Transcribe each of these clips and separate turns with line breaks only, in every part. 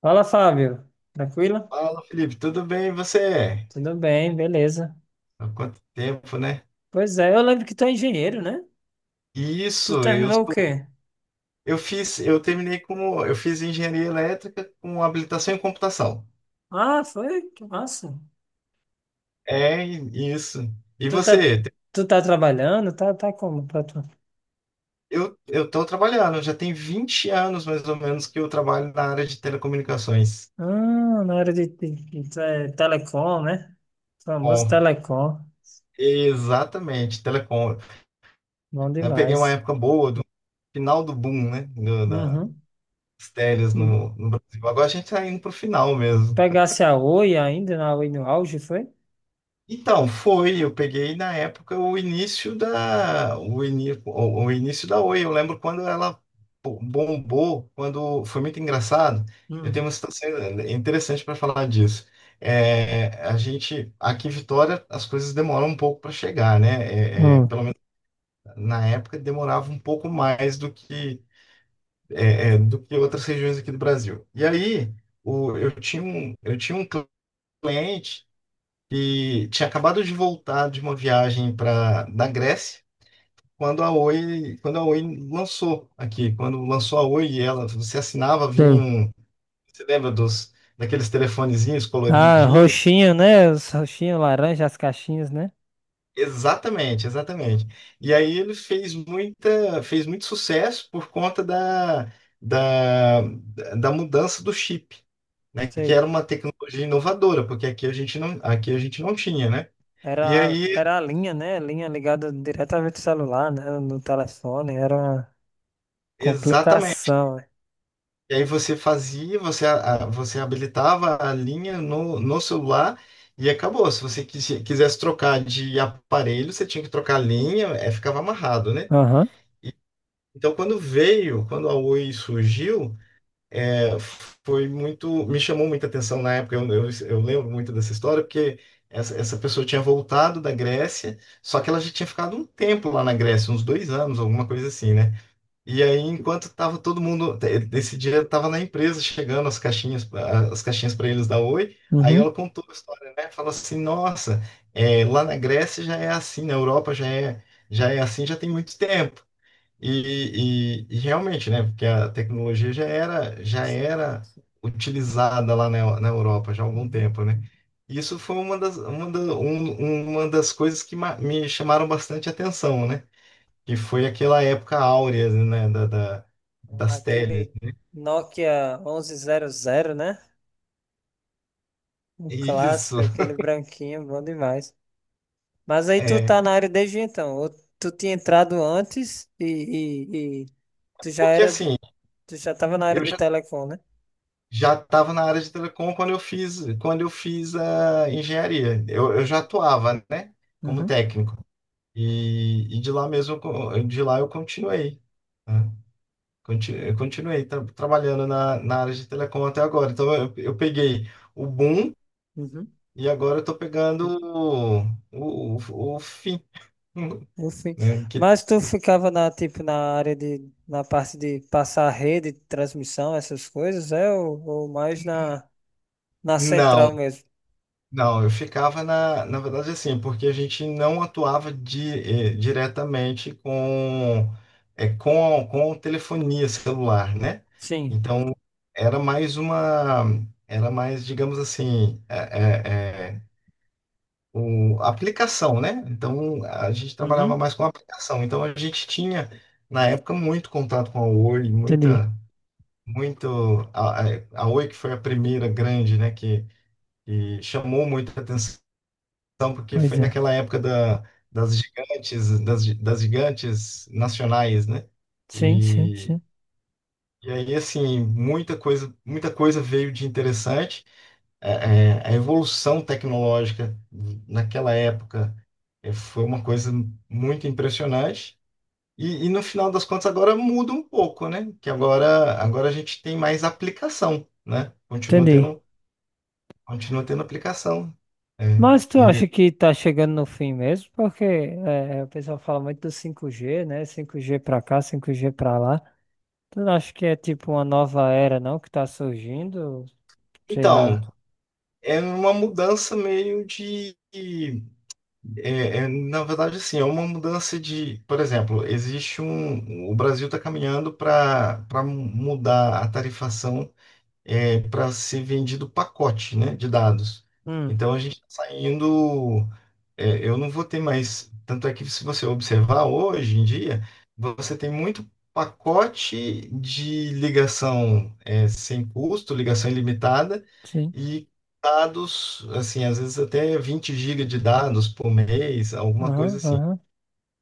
Fala, Fábio. Tranquilo?
Fala, Felipe, tudo bem? E você?
Tudo bem, beleza.
Há quanto tempo, né?
Pois é, eu lembro que tu é engenheiro, né? Tu
Isso, eu
terminou o
sou-
quê?
eu fiz, eu terminei como, eu fiz engenharia elétrica com habilitação em computação.
Ah, foi? Que massa.
É isso. E
Tu tá,
você?
tu tá trabalhando? Tá, como pra tu?
Eu estou trabalhando, já tem 20 anos mais ou menos que eu trabalho na área de telecomunicações.
Ah, na área de telecom, né? Famoso
Bom,
telecom.
exatamente, telecom.
Bom
Eu peguei uma
demais.
época boa do final do boom, né, das
Uhum.
teles
Hum.
no Brasil. Agora a gente tá indo pro final mesmo.
Pegasse a Oi ainda, na Oi no auge, foi?
Então, foi, eu peguei na época o início da o, ini, o início da Oi. Eu lembro quando ela bombou, quando foi muito engraçado. Eu tenho
Hum.
uma situação interessante para falar disso. É, a gente aqui em Vitória as coisas demoram um pouco para chegar, né? É,
Hum,
pelo menos na época demorava um pouco mais do que do que outras regiões aqui do Brasil. E aí eu tinha um cliente que tinha acabado de voltar de uma viagem para da Grécia quando a Oi lançou aqui, quando lançou a Oi, e ela você assinava, vinha
sei.
um, você lembra dos daqueles telefonezinhos
Ah,
coloridinhos?
roxinho, né? Os roxinhos, laranja, as caixinhas, né?
Exatamente, exatamente. E aí ele fez fez muito sucesso por conta da, da mudança do chip, né? Que
Sei.
era uma tecnologia inovadora, porque aqui a gente não, aqui a gente não tinha, né?
Era,
E aí,
era a linha, né? Linha ligada diretamente ao celular, né? No telefone, era uma
exatamente.
complicação, né?
E aí você fazia, você habilitava a linha no celular e acabou. Se você quisesse trocar de aparelho, você tinha que trocar a linha, ficava amarrado, né?
Aham,
Então, quando veio, quando a Oi surgiu, é, foi muito, me chamou muita atenção na época. Eu lembro muito dessa história, porque essa pessoa tinha voltado da Grécia, só que ela já tinha ficado um tempo lá na Grécia, uns 2 anos, alguma coisa assim, né? E aí, enquanto tava todo mundo, esse dia tava na empresa chegando as caixinhas para eles da Oi. Aí
uhum.
ela contou a história, né? Falou assim: "Nossa, lá na Grécia já é assim, na Europa já é assim, já tem muito tempo". E realmente, né? Porque a tecnologia já
Sim.
era utilizada lá na Europa já há algum
Uhum.
tempo, né? Isso foi uma das, uma das coisas que me chamaram bastante atenção, né? Que foi aquela época áurea, né, da, das teles.
Aquele Nokia 1100, né? Um clássico,
Isso,
aquele branquinho, bom demais. Mas aí tu
é.
tá na área desde então, ou tu tinha entrado antes e tu já
Porque
era,
assim,
tu já tava na área
eu
de
já
telecom, né?
já estava na área de telecom quando eu fiz, a engenharia. Eu já
Entendi.
atuava, né, como técnico. E, de lá mesmo, de lá eu continuei, né? Eu continuei trabalhando na área de telecom até agora. Então eu peguei o boom
Uhum.
e agora eu estou pegando o fim,
No fim.
né? Que,
Mas tu ficava na, tipo, na área de, na parte de passar a rede, de transmissão, essas coisas, é? Ou mais na, na
não,
central mesmo?
não, eu ficava na verdade assim, porque a gente não atuava diretamente com, com telefonia celular, né?
Sim.
Então era mais uma, era mais, digamos assim, a aplicação, né? Então a gente trabalhava
Uhum.
mais com aplicação. Então a gente tinha, na época, muito contato com a Oi,
Entendi.
muito, a, a a Oi que foi a primeira grande, né, que chamou muita atenção então, porque
Pois
foi
é.
naquela época da, das gigantes, das gigantes nacionais, né?
Sim, sim,
E,
sim.
e, aí, assim, muita coisa veio de interessante. A evolução tecnológica naquela época foi uma coisa muito impressionante. E, no final das contas agora muda um pouco, né? Que agora a gente tem mais aplicação, né?
Entendi.
Continua tendo aplicação. É.
Mas tu
E,
acha que tá chegando no fim mesmo? Porque o pessoal fala muito do 5G, né? 5G pra cá, 5G pra lá. Tu não acha que é tipo uma nova era, não, que tá surgindo? Sei
então,
lá.
é uma mudança meio de. É, na verdade, assim, é uma mudança de. Por exemplo, existe um. O Brasil está caminhando para mudar a tarifação para ser vendido pacote, né, de dados.
Hum.
Então a gente está saindo. Eu não vou ter mais. Tanto é que se você observar hoje em dia, você tem muito pacote de ligação, sem custo, ligação ilimitada
Sim.
e dados, assim, às vezes até 20 gigas de dados por mês, alguma coisa
Aham,
assim.
aham.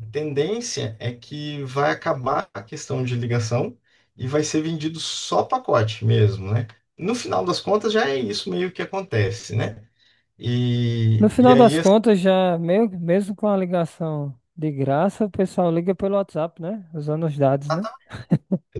A tendência é que vai acabar a questão de ligação e vai ser vendido só pacote mesmo, né? No final das contas, já é isso meio que acontece, né?
No
E,
final
aí
das contas, já meio, mesmo com a ligação de graça, o pessoal liga pelo WhatsApp, né? Usando os dados, né?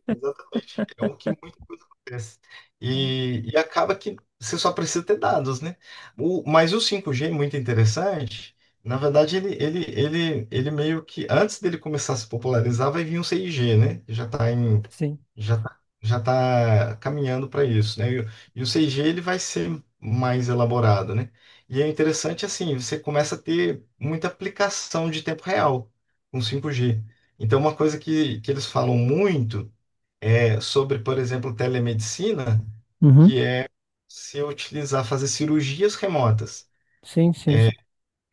exatamente. É o que muita coisa acontece. E, acaba que você só precisa ter dados, né? Mas o 5G é muito interessante. Na verdade, ele meio que, antes dele começar a se popularizar, vai vir um 6G, né?
Sim.
Já tá, caminhando para isso, né? E o 6G ele vai ser mais elaborado, né? E é interessante assim, você começa a ter muita aplicação de tempo real com 5G. Então, uma coisa que eles falam muito, sobre, por exemplo, telemedicina,
Uhum.
que é se utilizar, fazer cirurgias remotas.
Sim, sim.
É,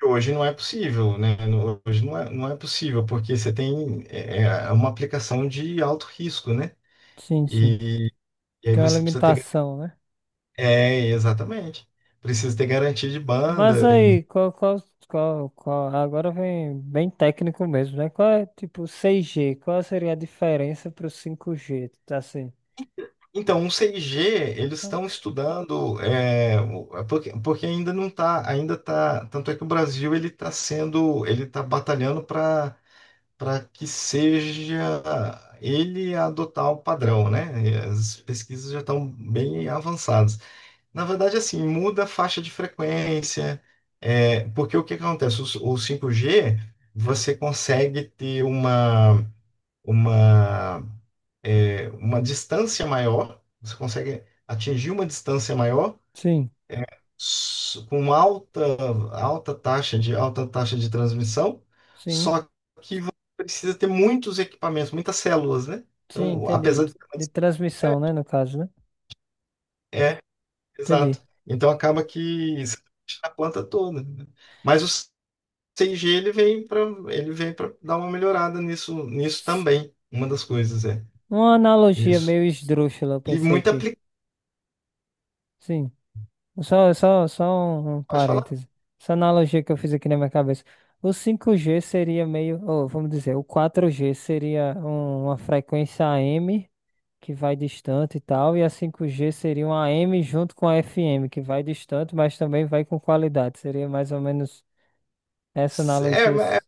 Hoje não é possível, né? Hoje não é possível, porque você tem, uma aplicação de alto risco, né?
Sim, sim.
E, e, aí
Tem uma
você precisa ter.
limitação, né?
É, exatamente. Precisa ter garantia de
Mas
banda. E.
aí, qual, agora vem bem técnico mesmo, né? Qual é, tipo, 6G? Qual seria a diferença pro 5G? Tá, assim.
Então, o 6G, eles estão estudando, é porque ainda não está, ainda tá, tanto é que o Brasil ele ele está batalhando para para que seja ele adotar o padrão, né? E as pesquisas já estão bem avançadas. Na verdade, assim, muda a faixa de frequência, porque o que que acontece? O 5G, você consegue ter uma, uma distância maior, você consegue atingir uma distância maior,
Sim,
com alta taxa de transmissão,
sim,
só que você precisa ter muitos equipamentos, muitas células, né?
sim,
Então, apesar
entendi.
de,
De transmissão, né, no caso, né?
é, exato.
Entendi.
Então acaba que você mexe na planta toda, né? Mas o 5G ele vem para dar uma melhorada nisso
S-
também. Uma das coisas é
Uma analogia
isso.
meio esdrúxula, eu
E
pensei
muito
aqui.
aplicado.
Sim. Só um
Pode falar.
parêntese. Essa analogia que eu fiz aqui na minha cabeça. O 5G seria meio, ou vamos dizer, o 4G seria uma frequência AM que vai distante e tal, e a 5G seria uma AM junto com a FM que vai distante, mas também vai com qualidade. Seria mais ou menos essa
É,
analogia.
mas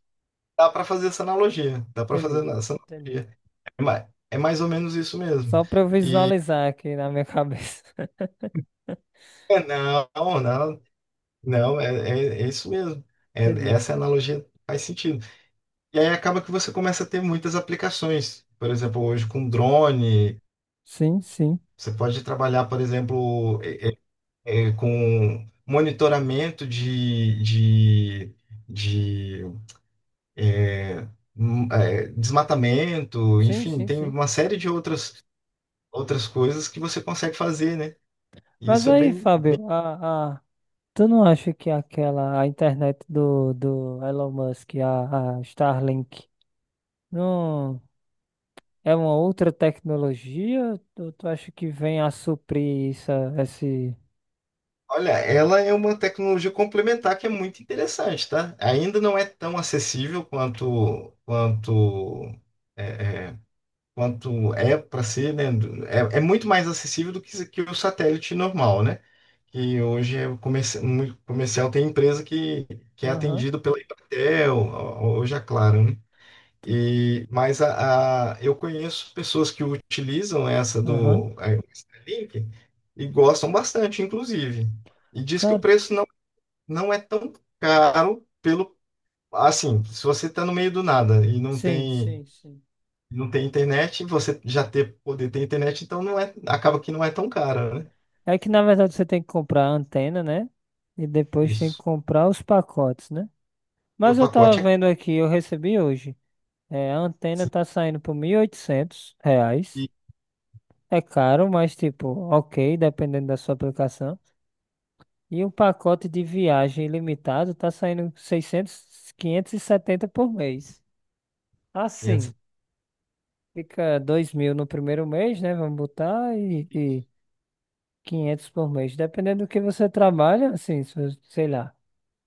dá para fazer essa analogia, dá para fazer
Entendi,
essa
entendi.
analogia. É mais ou menos isso mesmo.
Só para eu visualizar aqui na minha cabeça.
É. Não, não, não, é isso mesmo. É-
Entendi.
Essa analogia faz sentido. E aí acaba que você começa a ter muitas aplicações. Por exemplo, hoje com drone,
Sim, sim.
você pode trabalhar, por exemplo, com monitoramento de, é, desmatamento,
Sim,
enfim,
sim,
tem
sim.
uma série de outras coisas que você consegue fazer, né? E
Mas
isso é
aí,
bem.
Fábio, tu não acha que aquela, a internet do Elon Musk, a Starlink, não é uma outra tecnologia? Tu acha que vem a suprir isso, esse...
Olha, ela é uma tecnologia complementar que é muito interessante, tá? Ainda não é tão acessível quanto é, é, quanto é para ser, né? É, é muito mais acessível do que o satélite normal, né? Que hoje muito comercial, tem empresa que é
Aham,
atendido pela Embratel, hoje é claro, né? Mas eu conheço pessoas que utilizam essa
aham,
do a Starlink e gostam bastante, inclusive. E diz que o
claro.
preço não é tão caro, pelo assim, se você está no meio do nada e
Sim, sim, sim.
não tem internet, você já ter poder ter internet, então acaba que não é tão caro, né?
É que na verdade você tem que comprar a antena, né? E depois tem que
Isso.
comprar os pacotes, né?
E
Mas
o
eu tava
pacote é
vendo aqui, eu recebi hoje. É, a antena tá saindo por R$ 1.800.
5.500.
É caro, mas tipo, ok, dependendo da sua aplicação. E um pacote de viagem ilimitado tá saindo 600, 570 por mês. Assim, fica 2.000 no primeiro mês, né? Vamos botar, e 500 por mês. Dependendo do que você trabalha, assim, se você- sei lá,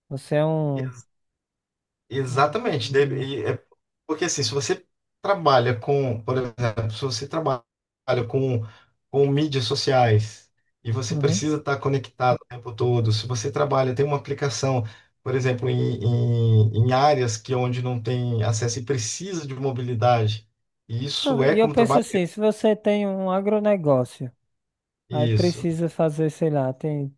você é um... um-
Exatamente.
um-
Porque assim, se você trabalha com, por exemplo, se você trabalha com, com mídias sociais e você
uhum.
precisa estar conectado o tempo todo, se você trabalha, tem uma aplicação, por exemplo, em áreas que onde não tem acesso e precisa de mobilidade, e isso
Ah,
é
e eu
como
penso
trabalho.
assim, se você tem um agronegócio, aí
Isso.
precisa fazer, sei lá, tem...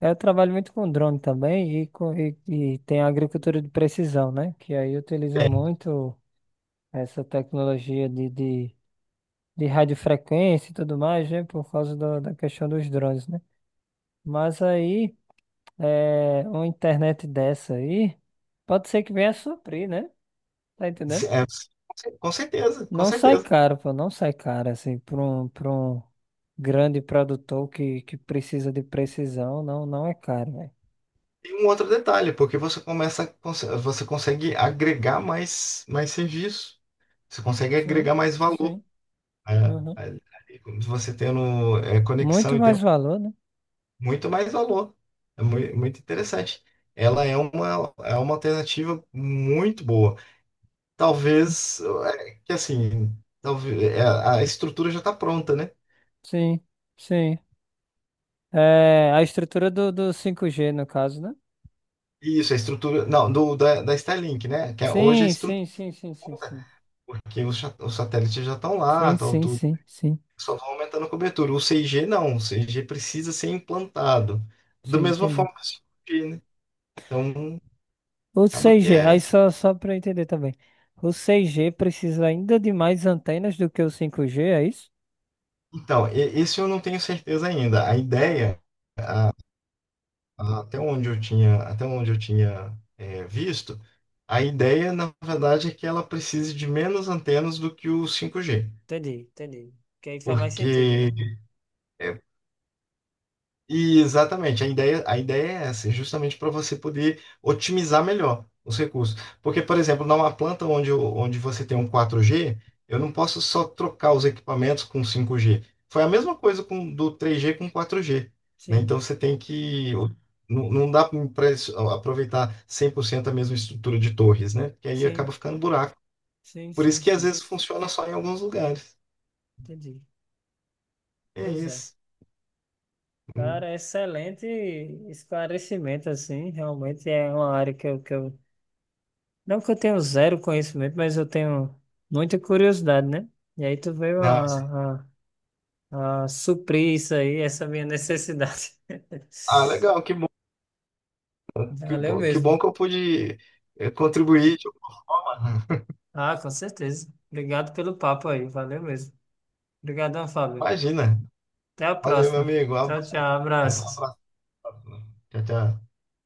Eu trabalho muito com drone também e, com, e tem a agricultura de precisão, né? Que aí utiliza muito... essa tecnologia de radiofrequência e tudo mais, né? Por causa da questão dos drones, né? Mas aí, é, uma internet dessa aí, pode ser que venha a suprir, né? Tá entendendo?
É, é, com certeza, com
Não sai
certeza.
caro, pô, não sai caro, assim, para um grande produtor que precisa de precisão, não, não é caro, velho.
E um outro detalhe, porque você começa, você consegue agregar mais serviço. Você consegue
Sim,
agregar mais valor.
sim.
a-
Uhum.
Ali, como se você tendo, conexão
Muito
e
mais
tempo,
valor, né?
muito mais valor. É muito interessante. Ela é é uma alternativa muito boa. Talvez, que assim, talvez, a estrutura já está pronta, né?
Sim, sim. É, a estrutura do 5G, no caso, né?
Isso, a estrutura. Não, da Starlink, né? Que hoje a
Sim,
estrutura,
sim, sim, sim, sim, sim.
porque os satélites já estão lá,
Sim,
tal,
sim,
tudo.
sim, sim,
Só vão aumentando a cobertura. O 6G não, o 6G precisa ser implantado.
sim,
Da mesma
entendi.
forma que o 5G, né? Então,
O
acaba que
6G, aí
é.
só para entender também. O 6G precisa ainda de mais antenas do que o 5G, é isso?
Então, esse eu não tenho certeza ainda. A
Ah,
ideia, até onde eu tinha, visto, a ideia, na verdade, é que ela precise de menos antenas do que o 5G.
entendi, entendi. Que aí faz mais sentido, né?
Porque é, e exatamente, a ideia, é essa, é justamente para você poder otimizar melhor os recursos. Porque, por exemplo, numa planta onde, onde você tem um 4G, eu não posso só trocar os equipamentos com 5G. Foi a mesma coisa do 3G com 4G, né?
Sim,
Então você tem que. Não, não dá para aproveitar 100% a mesma estrutura de torres, né? Porque aí acaba
sim,
ficando buraco.
sim,
Por
sim,
isso que às
sim.
vezes funciona só em alguns lugares.
Entendi.
É
Pois é.
isso. Hum.
Cara, excelente esclarecimento, assim. Realmente é uma área que eu. Não que eu tenho zero conhecimento, mas eu tenho muita curiosidade, né? E aí tu veio
Não,
ah, suprir isso aí, essa minha necessidade.
ah, legal, que bom. Que
Valeu
bom, que
mesmo.
bom que eu pude contribuir de alguma forma, né?
Ah, com certeza. Obrigado pelo papo aí. Valeu mesmo. Obrigadão, Fábio.
Imagina.
Até a
Valeu, meu
próxima.
amigo.
Tchau, tchau.
Um
Abraços.
abraço. Tchau, tchau.